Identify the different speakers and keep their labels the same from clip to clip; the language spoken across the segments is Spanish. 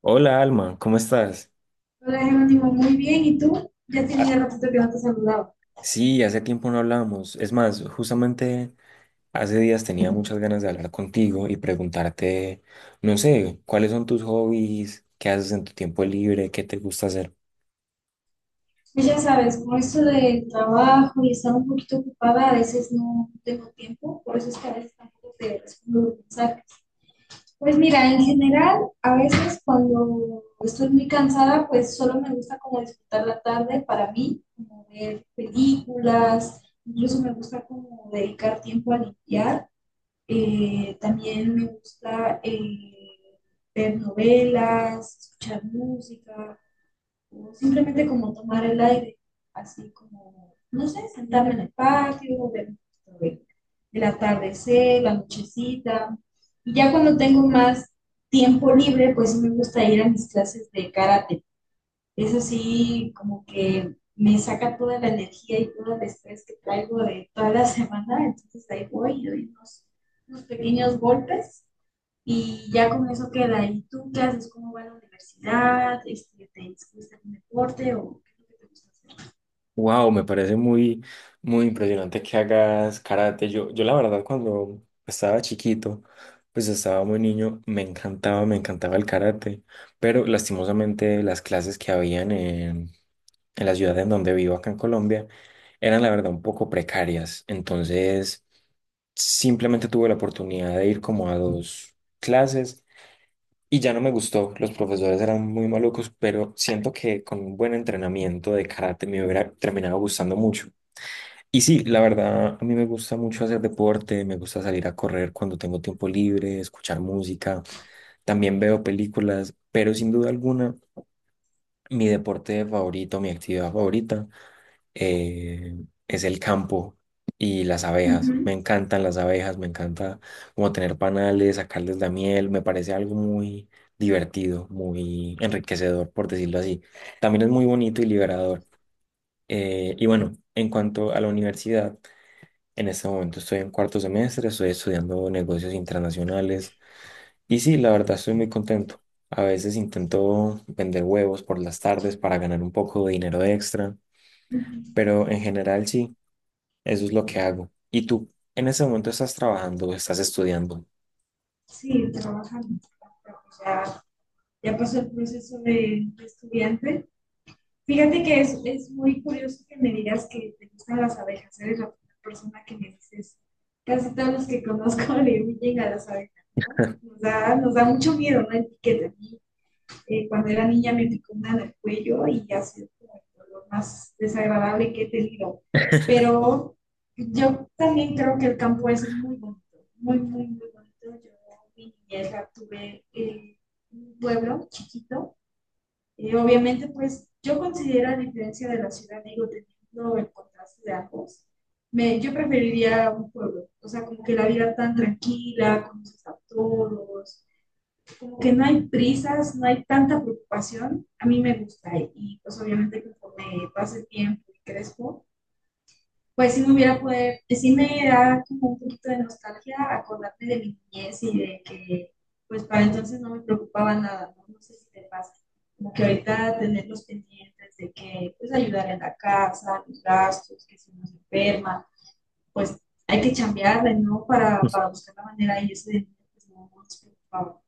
Speaker 1: Hola Alma, ¿cómo estás?
Speaker 2: Hola, Jerónimo, muy bien. ¿Y tú? Ya
Speaker 1: Ah,
Speaker 2: tenía ratito que no te saludaba.
Speaker 1: sí, hace tiempo no hablamos. Es más, justamente hace días tenía muchas ganas de hablar contigo y preguntarte, no sé, ¿cuáles son tus hobbies? ¿Qué haces en tu tiempo libre? ¿Qué te gusta hacer?
Speaker 2: Pues ya sabes, con esto del trabajo y estar un poquito ocupada, a veces no tengo tiempo, por eso es que a veces tampoco te respondo los mensajes. Pues mira, en general, a veces cuando estoy muy cansada, pues solo me gusta como disfrutar la tarde para mí, como ver películas, incluso me gusta como dedicar tiempo a limpiar. También me gusta, ver novelas, escuchar música, o simplemente como tomar el aire, así como, no sé, sentarme en el patio, ver un poquito de- el atardecer, la nochecita. Y ya cuando tengo más tiempo libre, pues sí me gusta ir a mis clases de karate. Eso sí, como que me saca toda la energía y todo el estrés que traigo de toda la semana, entonces ahí voy y doy unos pequeños golpes y ya con eso queda. ¿Y tú qué haces? ¿Cómo va la universidad? Este, ¿te gusta algún deporte o qué es lo que te gusta hacer?
Speaker 1: Wow, me parece muy, muy impresionante que hagas karate. Yo la verdad, cuando estaba chiquito, pues estaba muy niño, me encantaba el karate, pero lastimosamente las clases que habían en la ciudad en donde vivo acá en Colombia, eran la verdad un poco precarias. Entonces, simplemente tuve la oportunidad de ir como a dos clases y ya no me gustó. Los profesores eran muy malucos, pero siento que con un buen entrenamiento de karate me hubiera terminado gustando mucho. Y sí, la verdad, a mí me gusta mucho hacer deporte, me gusta salir a correr cuando tengo tiempo libre, escuchar música, también veo películas, pero sin duda alguna, mi deporte favorito, mi actividad favorita es el campo y las abejas. Me
Speaker 2: Ujú,
Speaker 1: encantan las abejas, me encanta como tener panales, sacarles la miel, me parece algo muy divertido, muy enriquecedor, por decirlo así. También es muy bonito y liberador. Y bueno, en cuanto a la universidad, en este momento estoy en cuarto semestre, estoy estudiando negocios internacionales y sí, la verdad estoy muy contento. A veces intento vender huevos por las tardes para ganar un poco de dinero extra,
Speaker 2: ujú.
Speaker 1: pero en general sí, eso es lo que hago. ¿Y tú en ese momento estás trabajando o estás estudiando?
Speaker 2: Sí, trabajando. Pero pues ya, ya pasó el proceso de estudiante. Fíjate que es muy curioso que me digas que te gustan las abejas. Eres la primera persona que me dices. Casi todos los que conozco le huyen a las abejas, ¿no? Nos da mucho miedo, ¿no? Etiqueta. A mí, cuando era niña me picó una en el cuello y ha sido como el dolor más desagradable que he tenido. Pero yo también creo que el campo es muy bonito, muy, muy, muy bonito. Yo mi niñez la tuve en un pueblo chiquito y obviamente, pues yo considero, a diferencia de la ciudad, digo, teniendo el contraste de ambos, yo preferiría un pueblo, o sea, como que la vida tan tranquila, conoces a todos, como que no hay prisas, no hay tanta preocupación, a mí me gusta y pues obviamente conforme pase el tiempo y crezco, pues si me hubiera poder, pues sí me da como un poquito de nostalgia acordarme de mi niñez y de que pues para entonces no me preocupaba nada, no. No sé si te pasa, como que ahorita tener los pendientes de que pues ayudar en la casa, los gastos, que si uno se enferma, pues hay que chambearle, ¿no?
Speaker 1: Pues,
Speaker 2: Para buscar la manera y eso de niño, pues no, no nos preocupaba.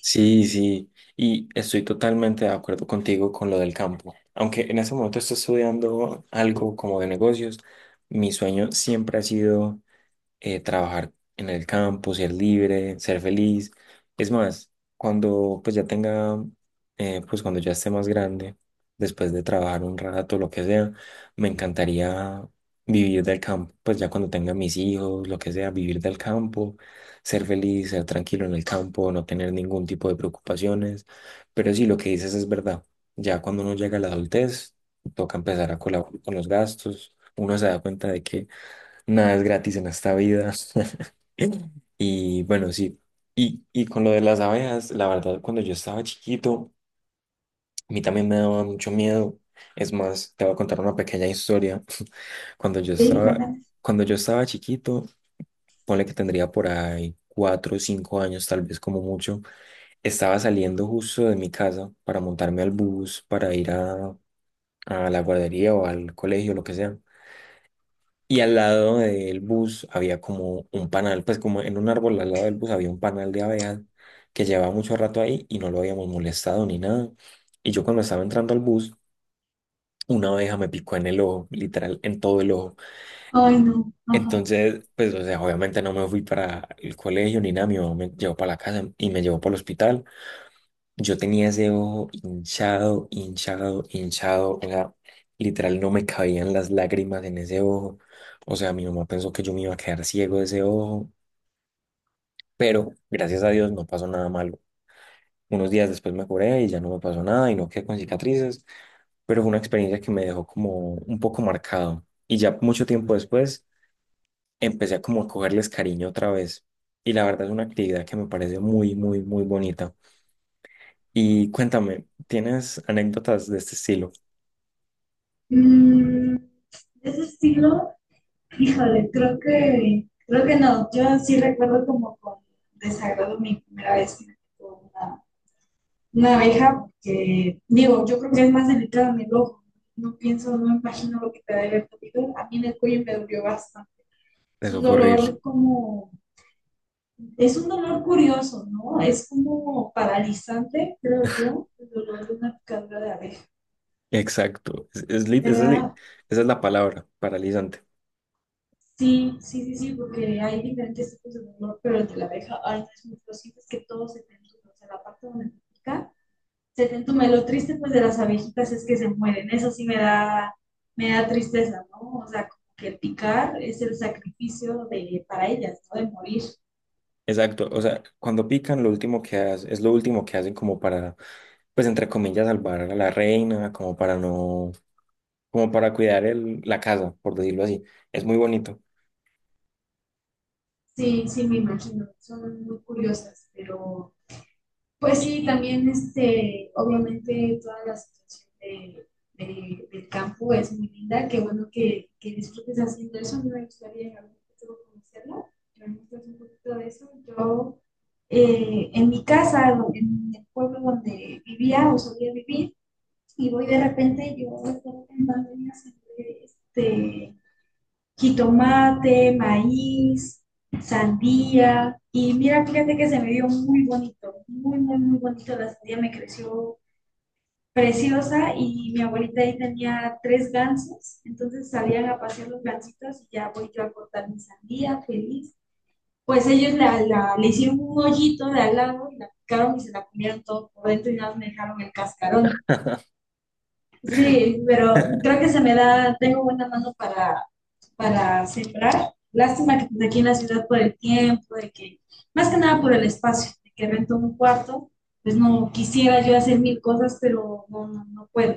Speaker 1: sí, sí, y estoy totalmente de acuerdo contigo con lo del campo. Aunque en ese momento estoy estudiando algo como de negocios, mi sueño siempre ha sido trabajar en el campo, ser libre, ser feliz. Es más, cuando pues ya tenga, pues cuando ya esté más grande, después de trabajar un rato, lo que sea, me encantaría vivir del campo, pues ya cuando tenga mis hijos, lo que sea, vivir del campo, ser feliz, ser tranquilo en el campo, no tener ningún tipo de preocupaciones. Pero sí, lo que dices es verdad. Ya cuando uno llega a la adultez, toca empezar a colaborar con los gastos. Uno se da cuenta de que nada es gratis en esta vida. Y bueno, sí. Y con lo de las abejas, la verdad, cuando yo estaba chiquito, a mí también me daba mucho miedo. Es más, te voy a contar una pequeña historia. Cuando yo
Speaker 2: Sí,
Speaker 1: estaba,
Speaker 2: cuéntame.
Speaker 1: cuando yo estaba chiquito, ponle que tendría por ahí cuatro o cinco años, tal vez como mucho, estaba saliendo justo de mi casa para montarme al bus, para ir a la guardería o al colegio, lo que sea. Y al lado del bus había como un panal, pues como en un árbol al lado del bus había un panal de abejas que llevaba mucho rato ahí y no lo habíamos molestado ni nada. Y yo cuando estaba entrando al bus, una abeja me picó en el ojo, literal, en todo el ojo.
Speaker 2: Ay, no, ajá.
Speaker 1: Entonces, pues, o sea, obviamente no me fui para el colegio ni nada, mi mamá me llevó para la casa y me llevó para el hospital. Yo tenía ese ojo hinchado, hinchado, hinchado. O sea, literal no me cabían las lágrimas en ese ojo. O sea, mi mamá pensó que yo me iba a quedar ciego de ese ojo, pero gracias a Dios no pasó nada malo. Unos días después me curé y ya no me pasó nada y no quedé con cicatrices, pero fue una experiencia que me dejó como un poco marcado. Y ya mucho tiempo después empecé a cogerles cariño otra vez. Y la verdad es una actividad que me parece muy, muy, muy bonita. Y cuéntame, ¿tienes anécdotas de este estilo?
Speaker 2: Mm, de ese estilo. Híjole, creo que no. Yo sí recuerdo como con desagrado mi primera vez que me tocó una abeja, que digo, yo creo que es más delicado en el ojo. No pienso, no me imagino lo que te debe haber dolido. A mí en el cuello me dolió bastante. Es un
Speaker 1: Eso fue horrible.
Speaker 2: dolor como, es un dolor curioso, ¿no? Es como paralizante, creo yo, el dolor de una picadura de abeja.
Speaker 1: Exacto. Es lit-
Speaker 2: Me
Speaker 1: esa, es li-
Speaker 2: da.
Speaker 1: esa es la palabra, paralizante.
Speaker 2: Sí, sí, sí, sí, porque hay diferentes tipos de dolor, pero el de la abeja, ay, no, es muy posible, es que todo se te entume, o sea, la parte donde te pica, se te entume. Lo triste, pues, de las abejitas es que se mueren, eso sí me da tristeza, ¿no? O sea, como que el picar es el sacrificio de, para ellas, ¿no? De morir.
Speaker 1: Exacto. O sea, cuando pican, lo último que hacen, es lo último que hacen como para, pues entre comillas, salvar a la reina, como para no, como para cuidar el, la casa, por decirlo así. Es muy bonito.
Speaker 2: Sí, sí, me imagino, son muy curiosas, pero. Pues sí, también este, obviamente toda la situación de, del campo es muy linda, qué bueno que disfrutes haciendo eso, a mí me gustaría en algún futuro conocerlo, pero me un poquito de eso. Yo, en mi casa, en el pueblo donde vivía o solía vivir, y voy de repente, yo de repente en pandemia siempre, este, jitomate, maíz, sandía. Y mira, fíjate que se me vio muy bonito, muy, muy, muy bonito. La sandía me creció preciosa y mi abuelita ahí tenía tres gansos, entonces salían a pasear los gansitos y ya voy yo a cortar mi sandía feliz. Pues ellos le hicieron un hoyito de al lado y la picaron y se la comieron todo por dentro y nada más me dejaron el cascarón. Sí, pero creo que se me da, tengo buena mano para sembrar. Lástima que pues, aquí en la ciudad por el tiempo, de que, más que nada por el espacio, de que rento un cuarto, pues no quisiera yo hacer mil cosas, pero no, no, no puedo.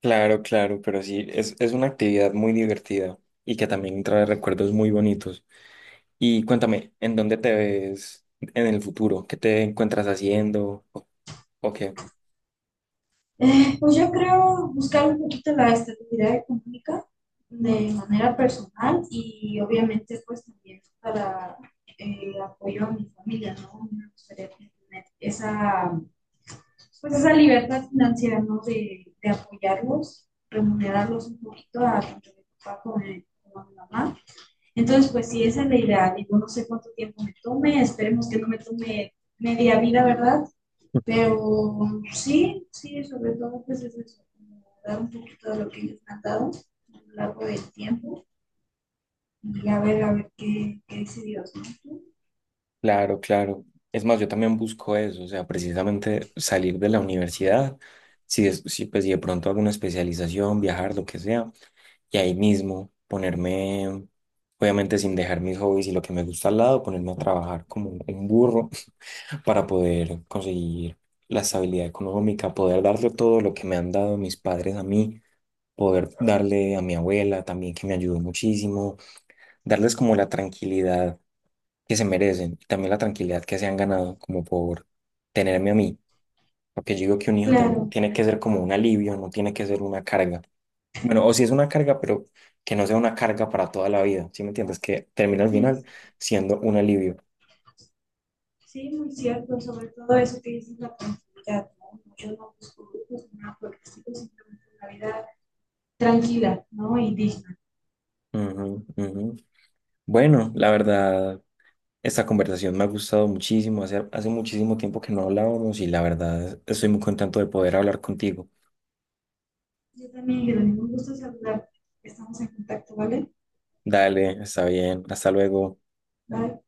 Speaker 1: Claro, claro, pero sí, es una actividad muy divertida y que también trae recuerdos muy bonitos. Y cuéntame, ¿en dónde te ves en el futuro? ¿Qué te encuentras haciendo? O qué?
Speaker 2: Pues yo creo buscar un poquito la estabilidad económica de manera personal y obviamente pues también para el apoyo a mi familia, ¿no? Me gustaría tener esa, pues esa libertad financiera, ¿no? De apoyarlos, remunerarlos un poquito a tanto mi papá como a mi mamá. Entonces, pues sí, esa es la idea. Digo, no sé cuánto tiempo me tome, esperemos que no me tome media vida, ¿verdad? Pero sí, sí, sobre todo, pues es eso, dar un poquito de lo que ellos me han dado a lo largo del tiempo y a ver qué, qué dice Dios, ¿no?
Speaker 1: Claro, claro. Es más, yo también busco eso, o sea, precisamente salir de la universidad, pues, si de pronto hago una especialización, viajar, lo que sea, y ahí mismo ponerme, obviamente sin dejar mis hobbies y lo que me gusta al lado, ponerme a trabajar como un burro para poder conseguir la estabilidad económica, poder darle todo lo que me han dado mis padres a mí, poder darle a mi abuela también, que me ayudó muchísimo, darles como la tranquilidad que se merecen y también la tranquilidad que se han ganado como por tenerme a mí. Porque yo digo que un hijo
Speaker 2: Claro,
Speaker 1: tiene que ser como un alivio, no tiene que ser una carga. Bueno, o si es una carga, pero que no sea una carga para toda la vida, ¿sí me entiendes? Que termine al
Speaker 2: sí,
Speaker 1: final
Speaker 2: sí.
Speaker 1: siendo un alivio.
Speaker 2: Sí, muy cierto, sobre todo eso que dices la tranquilidad, ¿no? Yo no busco grupos nada porque sigo simplemente una vida tranquila, ¿no? Y digna.
Speaker 1: Ujú, ujú. Bueno, la verdad, esta conversación me ha gustado muchísimo. Hace muchísimo tiempo que no hablábamos y la verdad estoy muy contento de poder hablar contigo.
Speaker 2: Yo también, Jerónimo, un gusto saludarte. Estamos en contacto, ¿vale?
Speaker 1: Dale, está bien, hasta luego.
Speaker 2: Bye.